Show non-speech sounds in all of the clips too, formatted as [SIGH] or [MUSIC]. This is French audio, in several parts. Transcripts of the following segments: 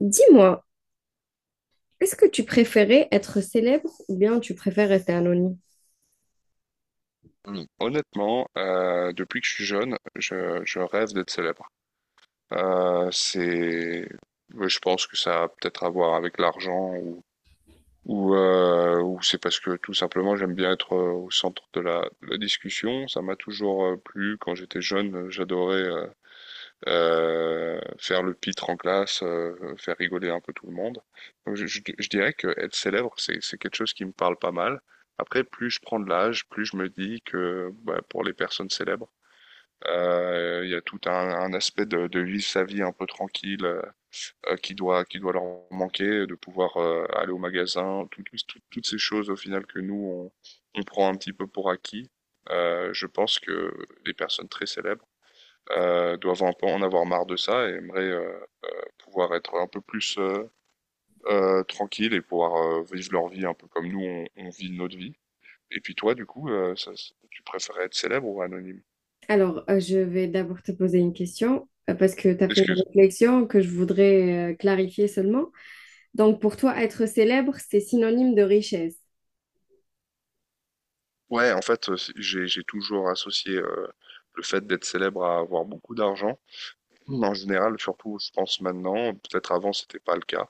Dis-moi, est-ce que tu préférais être célèbre ou bien tu préfères rester anonyme? Hmm. Honnêtement, depuis que je suis jeune, je rêve d'être célèbre. Euh, c'est, ouais, je pense que ça a peut-être à voir avec l'argent ou c'est parce que tout simplement j'aime bien être au centre de de la discussion. Ça m'a toujours plu. Quand j'étais jeune, j'adorais faire le pitre en classe, faire rigoler un peu tout le monde. Donc, je dirais que être célèbre, c'est quelque chose qui me parle pas mal. Après, plus je prends de l'âge, plus je me dis que bah, pour les personnes célèbres, il y a tout un aspect de vivre sa vie un peu tranquille qui doit leur manquer, de pouvoir aller au magasin, toutes ces choses au final que nous on prend un petit peu pour acquis. Je pense que les personnes très célèbres doivent un peu en avoir marre de ça et aimeraient pouvoir être un peu plus tranquilles et pouvoir vivre leur vie un peu comme nous on vit notre vie. Et puis toi, du coup, tu préférais être célèbre ou anonyme? Alors, je vais d'abord te poser une question parce que tu as fait une Excuse. réflexion que je voudrais clarifier seulement. Donc, pour toi, être célèbre, c'est synonyme de richesse. Ouais, en fait, j'ai toujours associé le fait d'être célèbre à avoir beaucoup d'argent. Mm. En général, surtout, je pense maintenant, peut-être avant, c'était pas le cas,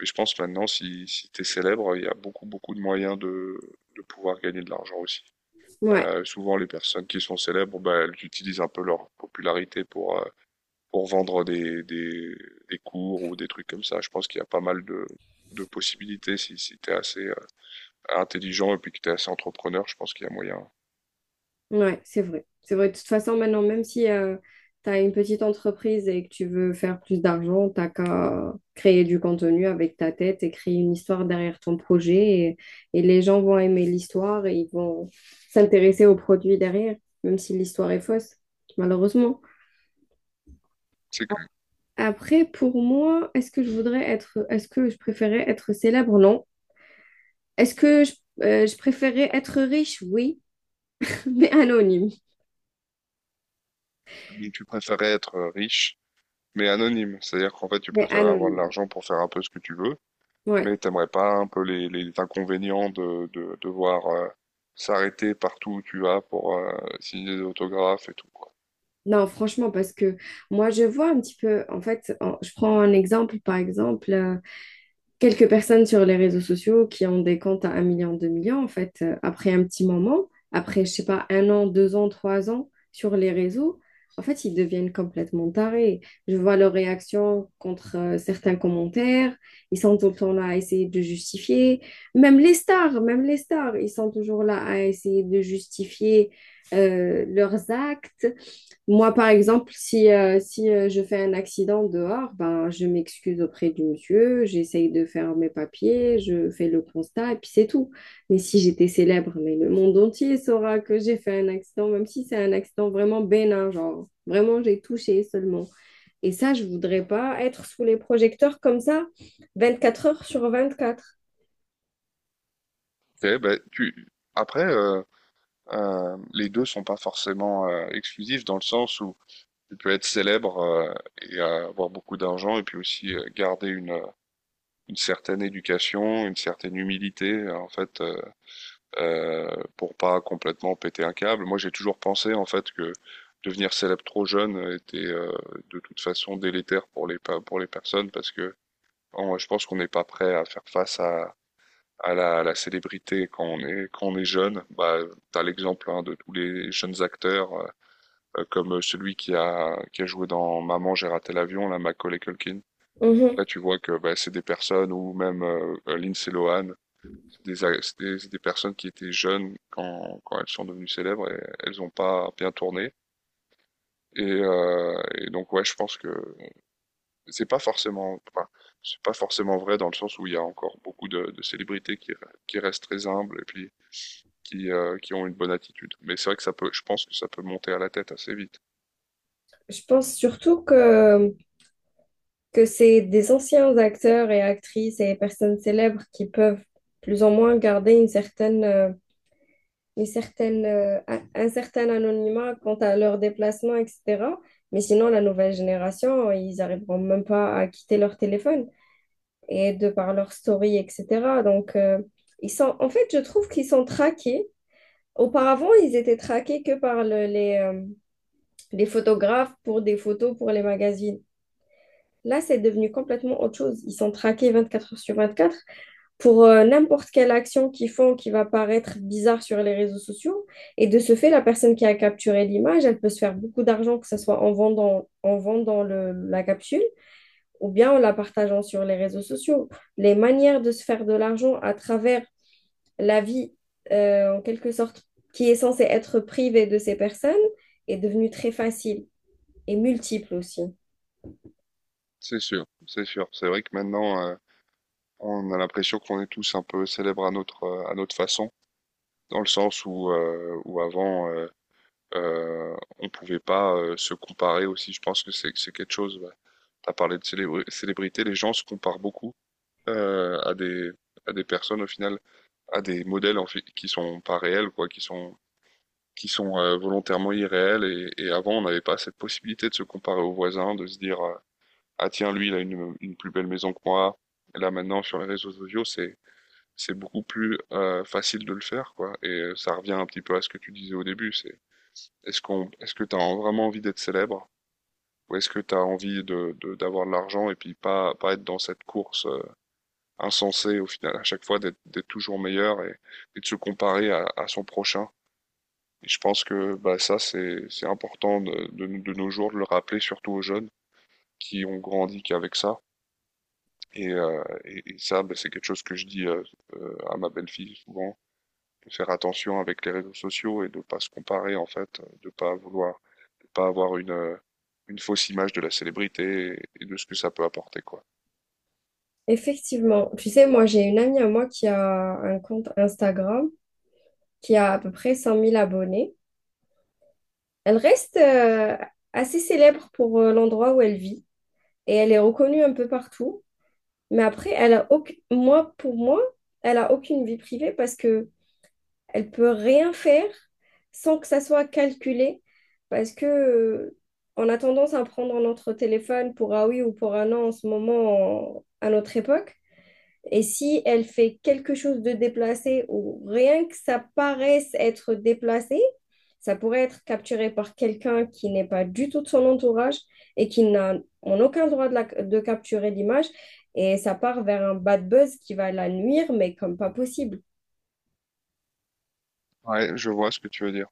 mais je pense maintenant, si, si tu es célèbre, il y a beaucoup, beaucoup de moyens de pouvoir gagner de l'argent aussi. Ouais. Souvent, les personnes qui sont célèbres, bah, elles utilisent un peu leur popularité pour vendre des cours ou des trucs comme ça. Je pense qu'il y a pas mal de possibilités si, si tu es assez intelligent et puis que tu es assez entrepreneur, je pense qu'il y a moyen. Ouais, c'est vrai. C'est vrai. De toute façon, maintenant, même si tu as une petite entreprise et que tu veux faire plus d'argent, t'as qu'à créer du contenu avec ta tête et créer une histoire derrière ton projet. Et les gens vont aimer l'histoire et ils vont s'intéresser au produit derrière, même si l'histoire est fausse, malheureusement. C'est que... Après, pour moi, est-ce que je préférais être célèbre? Non. Est-ce que je, je préférais être riche? Oui, [LAUGHS] mais anonyme. Donc, tu préférais être riche, mais anonyme. C'est-à-dire qu'en fait, tu Mais préférais avoir de anonyme. l'argent pour faire un peu ce que tu veux, Ouais. mais t'aimerais pas un peu les inconvénients de devoir s'arrêter partout où tu vas pour signer des autographes et tout, quoi. Non, franchement, parce que moi, je vois un petit peu, en fait, je prends un exemple, par exemple, quelques personnes sur les réseaux sociaux qui ont des comptes à un million, 2 millions, en fait, après un petit moment, après, je sais pas, un an, deux ans, trois ans sur les réseaux, en fait, ils deviennent complètement tarés. Je vois leurs réactions contre certains commentaires, ils sont tout le temps là à essayer de justifier, même les stars, ils sont toujours là à essayer de justifier leurs actes moi, par exemple, si je fais un accident dehors, ben, je m'excuse auprès du monsieur, j'essaye de faire mes papiers, je fais le constat et puis c'est tout. Mais si j'étais célèbre, mais le monde entier saura que j'ai fait un accident, même si c'est un accident vraiment bénin, genre vraiment j'ai touché seulement. Et ça, je voudrais pas être sous les projecteurs comme ça, 24 heures sur 24. Ok, ben, tu... Après, les deux sont pas forcément exclusifs dans le sens où tu peux être célèbre et avoir beaucoup d'argent et puis aussi garder une certaine éducation, une certaine humilité. En fait, euh, pour pas complètement péter un câble. Moi, j'ai toujours pensé en fait que devenir célèbre trop jeune était de toute façon délétère pour pour les personnes parce que je pense qu'on n'est pas prêt à faire face à à la célébrité quand on est jeune. Bah, t'as l'exemple hein, de tous les jeunes acteurs comme celui qui a joué dans Maman, j'ai raté l'avion, là, Macaulay Culkin. Mhm. Là, tu vois que bah, c'est des personnes ou même Lindsay Lohan, des personnes qui étaient jeunes quand elles sont devenues célèbres et elles n'ont pas bien tourné. Et donc ouais, je pense que c'est pas forcément, enfin, c'est pas forcément vrai dans le sens où il y a encore beaucoup de célébrités qui restent très humbles et puis qui ont une bonne attitude. Mais c'est vrai que ça peut, je pense que ça peut monter à la tête assez vite. Je pense surtout que c'est des anciens acteurs et actrices et personnes célèbres qui peuvent plus ou moins garder une certaine, un certain anonymat quant à leurs déplacements, etc. Mais sinon, la nouvelle génération, ils n'arriveront même pas à quitter leur téléphone et de par leur story, etc. Donc, ils sont, en fait, je trouve qu'ils sont traqués. Auparavant, ils étaient traqués que par les photographes pour des photos pour les magazines. Là, c'est devenu complètement autre chose. Ils sont traqués 24 heures sur 24 pour n'importe quelle action qu'ils font qui va paraître bizarre sur les réseaux sociaux. Et de ce fait, la personne qui a capturé l'image, elle peut se faire beaucoup d'argent, que ce soit en vendant la capsule ou bien en la partageant sur les réseaux sociaux. Les manières de se faire de l'argent à travers la vie, en quelque sorte, qui est censée être privée de ces personnes, est devenue très facile et multiple aussi. C'est sûr, c'est sûr. C'est vrai que maintenant, on a l'impression qu'on est tous un peu célèbres à notre façon, dans le sens où, où avant, on pouvait pas se comparer aussi. Je pense que c'est quelque chose. Ouais. T'as parlé de célébrité, les gens se comparent beaucoup à des personnes au final, à des modèles en fait, qui sont pas réels quoi, qui sont volontairement irréels. Et avant, on n'avait pas cette possibilité de se comparer aux voisins, de se dire ah tiens lui il a une plus belle maison que moi. Et là maintenant sur les réseaux sociaux, c'est beaucoup plus facile de le faire quoi. Et ça revient un petit peu à ce que tu disais au début. C'est est-ce que t'as vraiment envie d'être célèbre? Ou est-ce que tu as envie d'avoir de l'argent et puis pas être dans cette course insensée au final, à chaque fois d'être toujours meilleur et de se comparer à son prochain? Et je pense que bah, ça, c'est important de nos jours de le rappeler, surtout aux jeunes qui ont grandi qu'avec ça. Et ça, bah, c'est quelque chose que je dis à ma belle-fille souvent, de faire attention avec les réseaux sociaux et de pas se comparer en fait, de pas vouloir pas avoir une fausse image de la célébrité et de ce que ça peut apporter, quoi. Effectivement, tu sais, moi j'ai une amie à moi qui a un compte Instagram qui a à peu près 100 000 abonnés. Elle reste assez célèbre pour l'endroit où elle vit et elle est reconnue un peu partout. Mais après, elle a aucune moi, pour moi, elle a aucune vie privée parce que elle peut rien faire sans que ça soit calculé. Parce que on a tendance à prendre notre téléphone pour un oui ou pour un non en ce moment, à notre époque. Et si elle fait quelque chose de déplacé ou rien que ça paraisse être déplacé, ça pourrait être capturé par quelqu'un qui n'est pas du tout de son entourage et qui n'a en aucun droit de, de capturer l'image. Et ça part vers un bad buzz qui va la nuire, mais comme pas possible. Ouais, je vois ce que tu veux dire.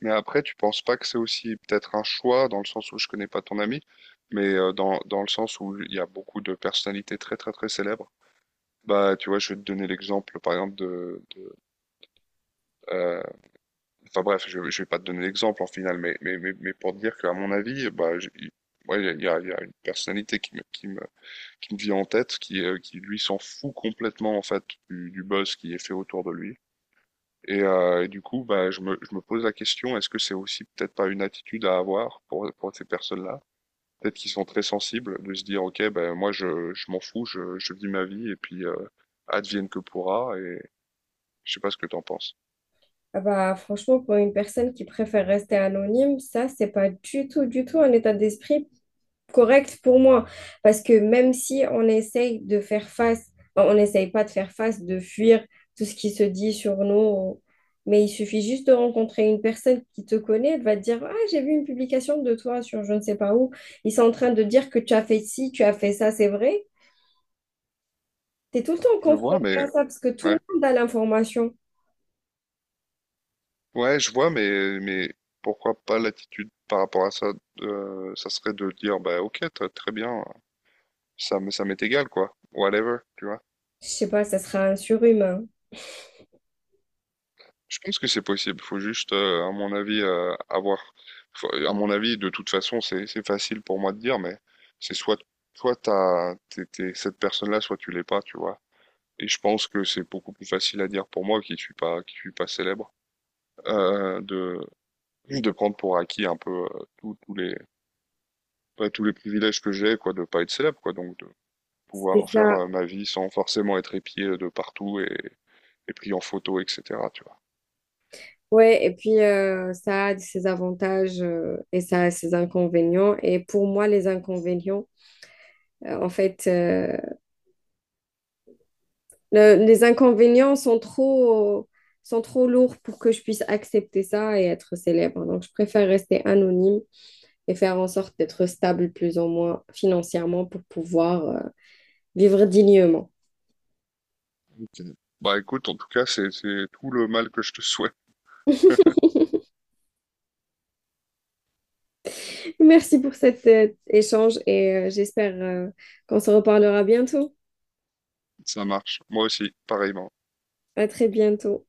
Mais après, tu penses pas que c'est aussi peut-être un choix, dans le sens où je connais pas ton ami, mais dans, dans le sens où il y a beaucoup de personnalités très très très célèbres. Bah, tu vois, je vais te donner l'exemple, par exemple, de... Enfin bref, je vais pas te donner l'exemple en finale, mais pour te dire qu'à mon avis, bah, ouais, il y a une personnalité qui me vient en tête, qui lui s'en fout complètement en fait du buzz qui est fait autour de lui. Et du coup, bah, je me pose la question, est-ce que c'est aussi peut-être pas une attitude à avoir pour ces personnes-là? Peut-être qu'ils sont très sensibles de se dire, ok, ben moi je m'en fous, je vis ma vie et puis advienne que pourra. Et je sais pas ce que t'en penses. Ah bah, franchement, pour une personne qui préfère rester anonyme, ça, c'est pas du tout, du tout un état d'esprit correct pour moi. Parce que même si on essaye de faire face, enfin, on n'essaye pas de faire face, de fuir tout ce qui se dit sur nous, mais il suffit juste de rencontrer une personne qui te connaît, elle va te dire, ah, j'ai vu une publication de toi sur je ne sais pas où. Ils sont en train de dire que tu as fait ci, tu as fait ça, c'est vrai. T'es tout le temps Je vois, confronté à mais ça parce que tout ouais. le monde a l'information. Ouais, je vois, mais pourquoi pas l'attitude par rapport à ça, ça serait de dire, bah ok, très bien, ça, ça m'est égal, quoi, whatever, tu vois. Je sais pas, ça sera un surhumain. Je pense que c'est possible, faut juste, à mon avis, avoir, à mon avis, de toute façon, c'est facile pour moi de dire, mais c'est soit, soit t'es cette personne-là, soit tu l'es pas, tu vois. Et je pense que c'est beaucoup plus facile à dire pour moi qui suis pas célèbre, euh, de, de prendre pour acquis un peu tous les pas tous les privilèges que j'ai, quoi, de pas être célèbre, quoi, donc de C'est pouvoir faire ça. Ma vie sans forcément être épié de partout et pris en photo, etc. Tu vois. Ouais, et puis ça a ses avantages et ça a ses inconvénients. Et pour moi, les inconvénients, euh, en fait, euh, les inconvénients sont trop lourds pour que je puisse accepter ça et être célèbre. Donc, je préfère rester anonyme et faire en sorte d'être stable plus ou moins financièrement pour pouvoir vivre dignement. Okay. Bah écoute, en tout cas, c'est tout le mal que je te souhaite. Merci pour cet échange et j'espère qu'on se reparlera bientôt. Ça marche. Moi aussi, pareillement. À très bientôt.